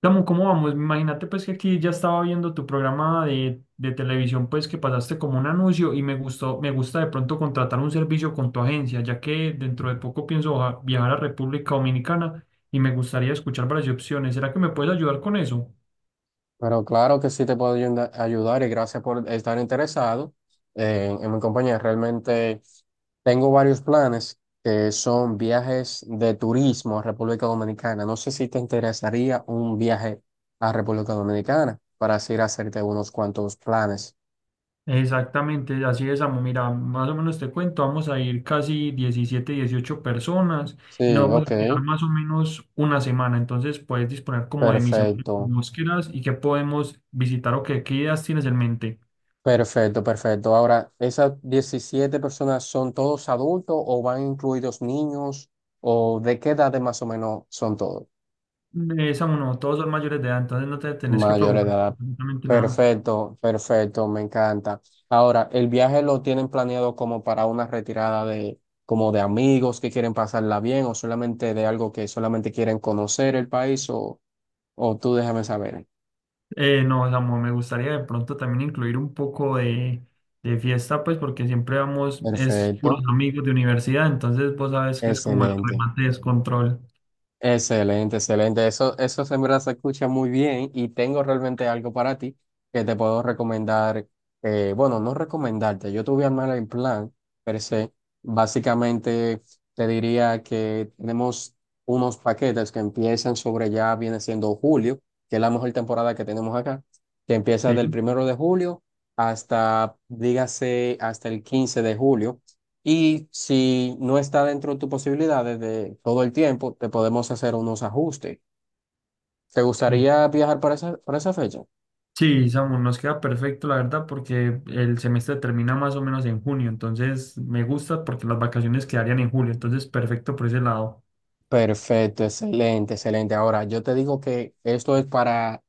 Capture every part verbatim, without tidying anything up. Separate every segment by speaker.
Speaker 1: Samu, ¿cómo vamos? Imagínate, pues, que aquí ya estaba viendo tu programa de, de televisión, pues que pasaste como un anuncio y me gustó, me gusta de pronto contratar un servicio con tu agencia, ya que dentro de poco pienso baja- viajar a República Dominicana y me gustaría escuchar varias opciones. ¿Será que me puedes ayudar con eso?
Speaker 2: Pero claro que sí te puedo ayuda- ayudar y gracias por estar interesado en, en mi compañía. Realmente tengo varios planes que son viajes de turismo a República Dominicana. No sé si te interesaría un viaje a República Dominicana para así ir a hacerte unos cuantos planes.
Speaker 1: Exactamente, así es, amo. Mira, más o menos te cuento, vamos a ir casi diecisiete dieciocho personas y nos
Speaker 2: Sí,
Speaker 1: vamos
Speaker 2: ok,
Speaker 1: a quedar más o menos una semana. Entonces puedes disponer como de mis
Speaker 2: perfecto,
Speaker 1: semanas quieras y qué podemos visitar o qué, qué ideas tienes en mente.
Speaker 2: perfecto, perfecto. Ahora, ¿esas diecisiete personas son todos adultos o van incluidos niños o de qué edad más o menos son todos?
Speaker 1: Eh, Samu, no, todos son mayores de edad, entonces no te tenés que
Speaker 2: Mayor
Speaker 1: preocupar por
Speaker 2: edad.
Speaker 1: absolutamente nada.
Speaker 2: Perfecto, perfecto, me encanta. Ahora, ¿el viaje lo tienen planeado como para una retirada de, como de amigos que quieren pasarla bien o solamente de algo que solamente quieren conocer el país o, o tú déjame saber?
Speaker 1: Eh, no, Samu, me gustaría de pronto también incluir un poco de, de fiesta, pues porque siempre vamos, es puros
Speaker 2: Perfecto,
Speaker 1: amigos de universidad, entonces vos sabes que es como el
Speaker 2: excelente.
Speaker 1: remate de descontrol.
Speaker 2: Excelente, excelente. Eso, eso en verdad se escucha muy bien y tengo realmente algo para ti que te puedo recomendar. Eh, bueno, no recomendarte, yo te voy a armar el plan, pero se. Básicamente te diría que tenemos unos paquetes que empiezan sobre ya viene siendo julio, que es la mejor temporada que tenemos acá, que empieza del
Speaker 1: Sí.
Speaker 2: primero de julio hasta, dígase, hasta el quince de julio. Y si no está dentro de tus posibilidades de todo el tiempo, te podemos hacer unos ajustes. ¿Te
Speaker 1: Sí,
Speaker 2: gustaría viajar para esa, para esa fecha?
Speaker 1: sí, Samu, nos queda perfecto, la verdad, porque el semestre termina más o menos en junio, entonces me gusta porque las vacaciones quedarían en julio, entonces perfecto por ese lado.
Speaker 2: Perfecto, excelente, excelente. Ahora, yo te digo que esto es para,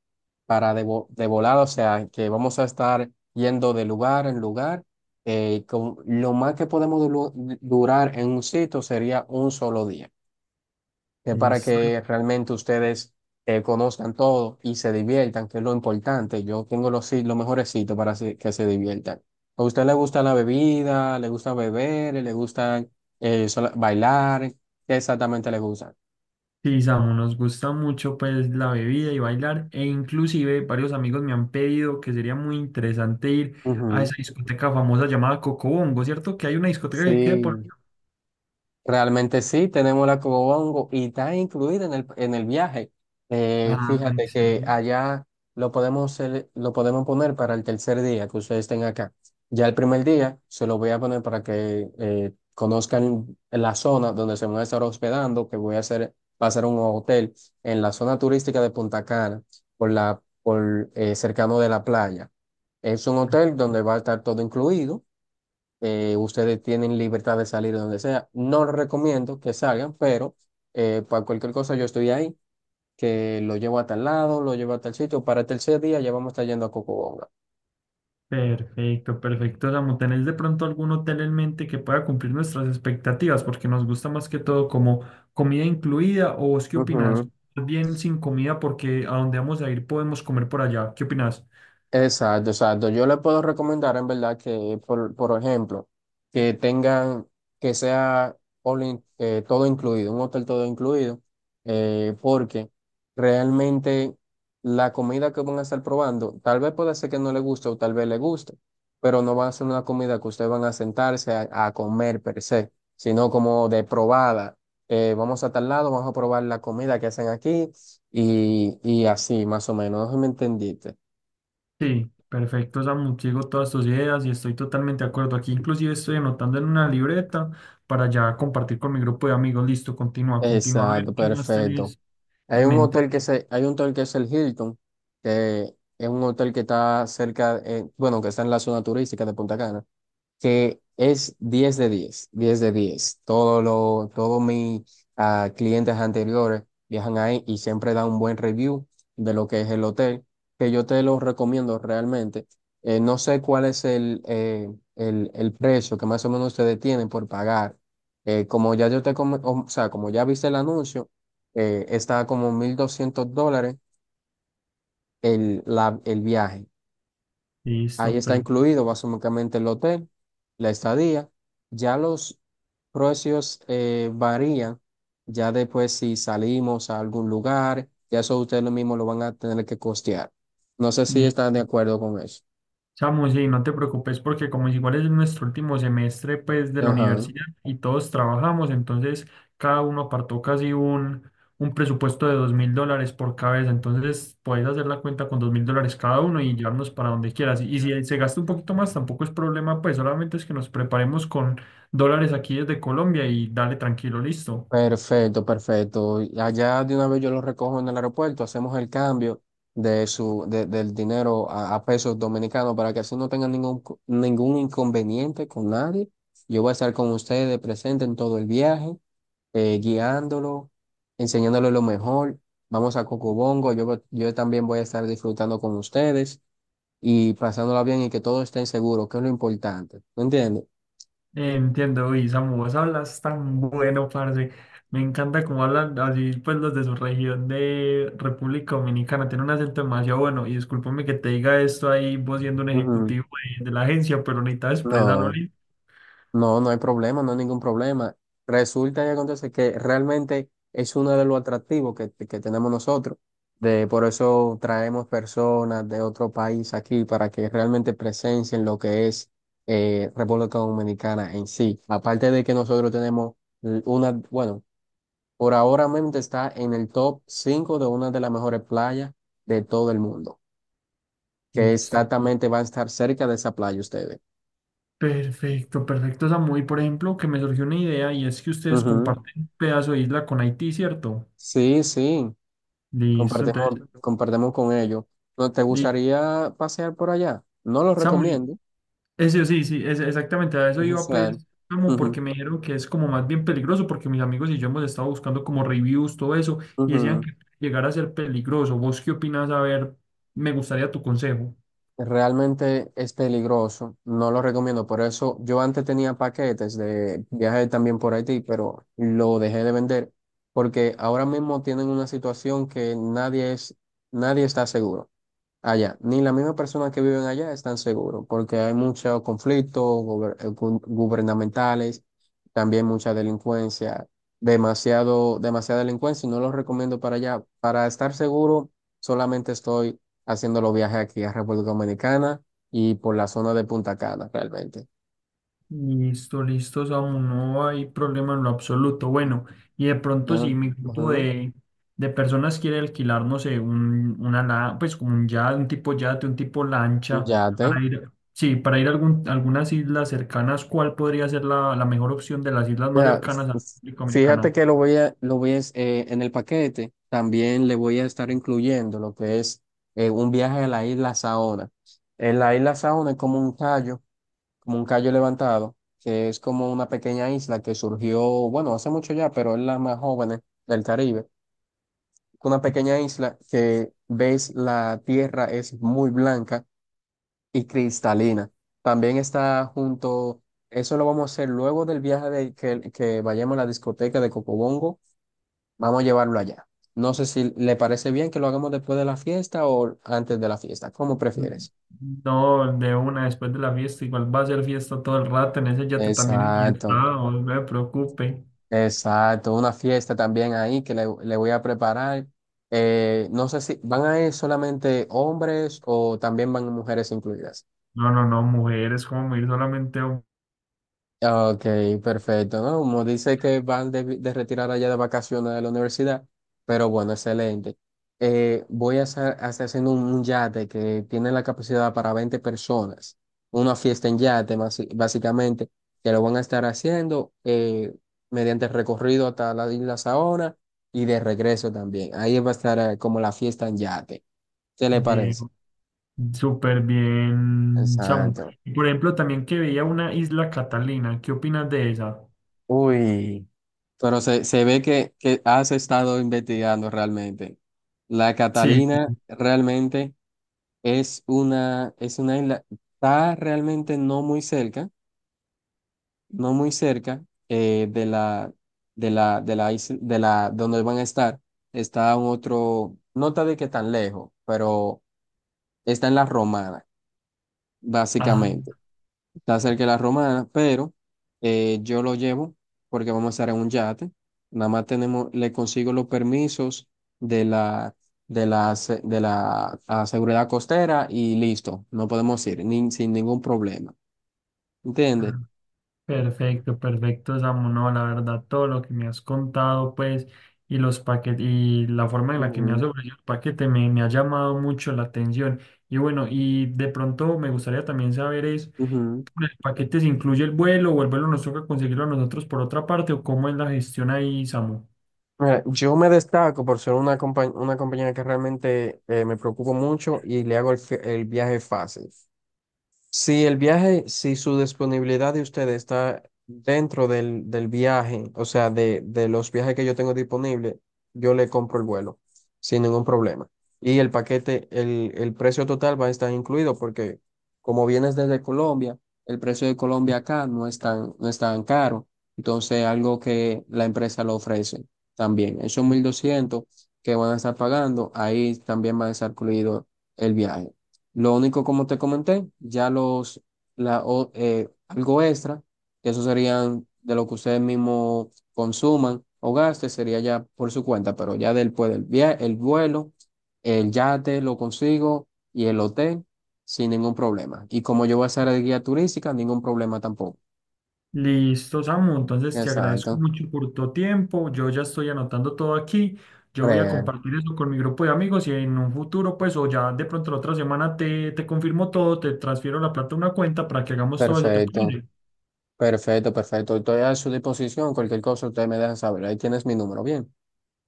Speaker 2: para de, vo- de volada, o sea, que vamos a estar yendo de lugar en lugar. Eh, con, lo más que podemos du- durar en un sitio sería un solo día. Es para
Speaker 1: Listo.
Speaker 2: que realmente ustedes eh, conozcan todo y se diviertan, que es lo importante. Yo tengo los, sit- los mejores sitios para se- que se diviertan. ¿A usted le gusta la bebida? ¿Le gusta beber? ¿Le gusta eh, sola- bailar? ¿Qué exactamente le gusta?
Speaker 1: Sí, Samu, nos gusta mucho pues la bebida y bailar, e inclusive varios amigos me han pedido que sería muy interesante ir a
Speaker 2: Ujú.
Speaker 1: esa discoteca famosa llamada Cocobongo, ¿cierto? Que hay una discoteca que quede por...
Speaker 2: Sí. Realmente sí, tenemos la Cobongo y está incluida en el, en el viaje. Eh,
Speaker 1: Ah,
Speaker 2: fíjate que
Speaker 1: excelente.
Speaker 2: allá lo podemos, hacer lo podemos poner para el tercer día que ustedes estén acá. Ya el primer día se lo voy a poner para que eh, conozcan la zona donde se van a estar hospedando, que voy a hacer, va a ser un hotel en la zona turística de Punta Cana, por la, por, eh, cercano de la playa. Es un hotel donde va a estar todo incluido. Eh, ustedes tienen libertad de salir donde sea. No les recomiendo que salgan, pero eh, para cualquier cosa yo estoy ahí, que lo llevo a tal lado, lo llevo a tal sitio. Para el tercer día ya vamos a estar yendo a Cocobonga.
Speaker 1: Perfecto, perfecto. Samu, ¿tenés de pronto algún hotel en mente que pueda cumplir nuestras expectativas? Porque nos gusta más que todo como comida incluida, ¿o vos qué opinás?
Speaker 2: Ujú.
Speaker 1: Bien sin comida porque a donde vamos a ir podemos comer por allá. ¿Qué opinás?
Speaker 2: Exacto, exacto. Yo le puedo recomendar en verdad que, por, por ejemplo, que tengan, que sea all in- eh, todo incluido, un hotel todo incluido, eh, porque realmente la comida que van a estar probando, tal vez puede ser que no le guste o tal vez le guste, pero no va a ser una comida que ustedes van a sentarse a, a comer per se, sino como de probada. Eh, vamos a tal lado, vamos a probar la comida que hacen aquí y, y así, más o menos. No sé si me entendiste.
Speaker 1: Sí, perfecto, Samu. Sigo todas tus ideas y estoy totalmente de acuerdo. Aquí inclusive estoy anotando en una libreta para ya compartir con mi grupo de amigos. Listo, continúa, continúa. A ver
Speaker 2: Exacto,
Speaker 1: qué más
Speaker 2: perfecto.
Speaker 1: tenés
Speaker 2: Hay
Speaker 1: en
Speaker 2: un
Speaker 1: mente.
Speaker 2: hotel que se, hay un hotel que es el Hilton, que es un hotel que está cerca, eh, bueno, que está en la zona turística de Punta Cana que es diez de diez, diez de diez. Todo lo, todos mis ah, clientes anteriores viajan ahí y siempre dan un buen review de lo que es el hotel, que yo te lo recomiendo realmente. Eh, no sé cuál es el, eh, el, el precio que más o menos ustedes tienen por pagar. Eh, como ya yo te, come- o sea, como ya viste el anuncio, eh, está como mil doscientos dólares el, la- el viaje. Ahí
Speaker 1: Listo,
Speaker 2: está
Speaker 1: perfecto.
Speaker 2: incluido básicamente el hotel, la estadía. Ya los precios eh, varían. Ya después si salimos a algún lugar, ya eso ustedes lo mismo lo van a tener que costear. No sé si están de acuerdo con eso.
Speaker 1: Samu, sí, no te preocupes porque como igual es nuestro último semestre pues de la
Speaker 2: Ajá.
Speaker 1: universidad y todos trabajamos, entonces cada uno apartó casi un, un presupuesto de dos mil dólares por cabeza, entonces puedes hacer la cuenta con dos mil dólares cada uno y llevarnos para donde quieras. Y si se gasta un poquito más tampoco es problema, pues solamente es que nos preparemos con dólares aquí desde Colombia y dale tranquilo, listo.
Speaker 2: Perfecto, perfecto. Y allá de una vez yo lo recojo en el aeropuerto, hacemos el cambio de su, de- del dinero a, a pesos dominicanos para que así no tengan ningún, co- ningún inconveniente con nadie. Yo voy a estar con ustedes presente en todo el viaje, eh, guiándolo, enseñándole lo mejor. Vamos a Cocobongo, yo, voy- yo también voy a estar disfrutando con ustedes y pasándola bien y que todo esté seguro, que es lo importante. ¿Me entiendes?
Speaker 1: Entiendo, uy, Samu, vos hablas tan bueno, parce. Me encanta cómo hablan así, pues los de su región de República Dominicana. Tienen un acento demasiado bueno. Y discúlpame que te diga esto ahí, vos siendo un
Speaker 2: Ujú.
Speaker 1: ejecutivo de, de la agencia, pero necesitaba expresarlo.
Speaker 2: No.
Speaker 1: li-
Speaker 2: No, no hay problema, no hay ningún problema. Resulta y acontece que realmente es uno de los atractivos que, que tenemos nosotros. De, por eso traemos personas de otro país aquí para que realmente presencien lo que es eh, República Dominicana en sí. Aparte de que nosotros tenemos l- una, bueno, por ahora mismo está en el top cinco de una de las mejores playas de todo el mundo, que
Speaker 1: Listo.
Speaker 2: exactamente van a estar cerca de esa playa ustedes.
Speaker 1: Perfecto, perfecto, Samu. Y, por ejemplo, que me surgió una idea y es que ustedes
Speaker 2: Ujú.
Speaker 1: comparten un pedazo de isla con Haití, ¿cierto?
Speaker 2: Sí, sí.
Speaker 1: Listo,
Speaker 2: Compartimos,
Speaker 1: entonces,
Speaker 2: compartimos con ellos. ¿No te
Speaker 1: li-
Speaker 2: gustaría pasear por allá? No lo
Speaker 1: Samu,
Speaker 2: recomiendo.
Speaker 1: eso sí, sí, es, exactamente, a eso
Speaker 2: O
Speaker 1: iba
Speaker 2: sea,
Speaker 1: pues, como porque
Speaker 2: ujú,
Speaker 1: me dijeron que es como más bien peligroso, porque mis amigos y yo hemos estado buscando como reviews, todo eso, y decían
Speaker 2: ujú.
Speaker 1: que llegar a ser peligroso. ¿Vos qué opinas? A ver, me gustaría tu consejo.
Speaker 2: Realmente es peligroso. No lo recomiendo. Por eso yo antes tenía paquetes de viaje también por Haití, pero lo dejé de vender porque ahora mismo tienen una situación que nadie es, nadie está seguro allá. Ni las mismas personas que viven allá están seguros, porque hay muchos conflictos gober- eh, gu- gubernamentales, también mucha delincuencia, demasiado, demasiada delincuencia, y no los recomiendo para allá. Para estar seguro, solamente estoy haciendo los viajes aquí a República Dominicana y por la zona de Punta Cana, realmente.
Speaker 1: Listo, listo, Samu, no hay problema en lo absoluto. Bueno, y de pronto
Speaker 2: Ya,
Speaker 1: si mi grupo
Speaker 2: ujú.
Speaker 1: de, de personas quiere alquilar, no sé, un, una, la- pues como un yate, un tipo yate, un tipo lancha,
Speaker 2: Yate.
Speaker 1: para ir, sí, para ir a algún, algunas islas cercanas, ¿cuál podría ser la, la mejor opción de las islas más
Speaker 2: Mira,
Speaker 1: cercanas
Speaker 2: f-
Speaker 1: a la
Speaker 2: f-
Speaker 1: República
Speaker 2: fíjate
Speaker 1: Dominicana?
Speaker 2: que lo voy a, lo voy a, es- eh, en el paquete también le voy a estar incluyendo lo que es eh, un viaje a la isla Saona. En la isla Saona es como un callo, como un callo levantado, que es como una pequeña isla que surgió, bueno, hace mucho ya, pero es la más joven del Caribe. Una pequeña isla que ves la tierra es muy blanca y cristalina. También está junto, Eso lo vamos a hacer luego del viaje de que, que vayamos a la discoteca de Cocobongo, vamos a llevarlo allá. No sé si le parece bien que lo hagamos después de la fiesta o antes de la fiesta, como
Speaker 1: Mm,
Speaker 2: prefieres.
Speaker 1: No, de una, después de la fiesta, igual va a ser fiesta todo el rato, en ese yate también es fiesta,
Speaker 2: Exacto,
Speaker 1: no me preocupe.
Speaker 2: exacto. Una fiesta también ahí que le, le voy a preparar. Eh, no sé si van a ir solamente hombres o también van mujeres incluidas.
Speaker 1: No, no, no, mujeres, como ir solamente a un-
Speaker 2: Ok, perfecto, ¿no? Como dice que van de, vi- de retirar allá de vacaciones de la universidad, pero bueno, excelente. Eh, voy a hacer, a estar haciendo un, un yate que tiene la capacidad para veinte personas, una fiesta en yate, basi- básicamente, que lo van a estar haciendo eh, mediante el recorrido hasta la isla Saona y de regreso también. Ahí va a estar eh, como la fiesta en yate. ¿Qué le
Speaker 1: de
Speaker 2: parece?
Speaker 1: Súper bien, Samu.
Speaker 2: Exacto.
Speaker 1: Y, por ejemplo, también que veía una isla Catalina. ¿Qué opinas de esa?
Speaker 2: Uy. Pero se, se ve que, que has estado investigando realmente. La
Speaker 1: Sí.
Speaker 2: Catalina realmente es una, es una isla, está realmente no muy cerca, no muy cerca eh, de la, de la, de la isla, de la, donde van a estar. Está un otro, no está de que tan lejos, pero está en la Romana,
Speaker 1: Ah,
Speaker 2: básicamente. Está cerca de la Romana, pero eh, yo lo llevo porque vamos a estar en un yate. Nada más tenemos, le consigo los permisos de la, de la, se- de la, ah, seguridad costera y listo, no podemos ir ni- sin ningún problema. ¿Entiendes?
Speaker 1: ah, perfecto, perfecto, Samu. No, la verdad, todo lo que me has contado, pues, y los paquetes, y la forma en la que me has
Speaker 2: Ujú,
Speaker 1: ofrecido el paquete me, me ha llamado mucho la atención. Y bueno, y de pronto me gustaría también saber es,
Speaker 2: ujú.
Speaker 1: ¿el paquete se incluye el vuelo o el vuelo nos toca conseguirlo a nosotros por otra parte o cómo es la gestión ahí, Samu?
Speaker 2: Mira, yo me destaco por ser una, compa- una compañía que realmente eh, me preocupo mucho y le hago el, fe- el viaje fácil. Si el viaje, si su disponibilidad de usted está dentro del, del viaje, o sea, de, de los viajes que yo tengo disponible, yo le compro el vuelo sin ningún problema. Y el paquete, el, el precio total va a estar incluido porque como vienes desde Colombia, el precio de Colombia acá no es tan, no es tan caro. Entonces, algo que la empresa lo ofrece también. Esos mil doscientos que van a estar pagando, ahí también va a estar incluido el viaje. Lo único, como te comenté, ya los, la, o- eh, algo extra, que eso serían de lo que ustedes mismos consuman o gasten, sería ya por su cuenta, pero ya después del viaje, el vuelo, el yate lo consigo y el hotel sin ningún problema. Y como yo voy a ser el guía turística, ningún problema tampoco.
Speaker 1: Listo, Samu. Entonces te agradezco
Speaker 2: Exacto.
Speaker 1: mucho por tu tiempo. Yo ya estoy anotando todo aquí. Yo voy a
Speaker 2: Real.
Speaker 1: compartir eso con mi grupo de amigos y en un futuro, pues, o ya de pronto la otra semana te, te confirmo todo, te transfiero la plata a una cuenta para que hagamos todo eso, ¿te
Speaker 2: Perfecto,
Speaker 1: parece?
Speaker 2: perfecto, perfecto. Estoy a su disposición. Cualquier cosa ustedes me dejan saber. Ahí tienes mi número. Bien.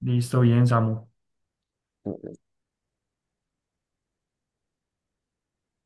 Speaker 1: Listo, bien, Samu.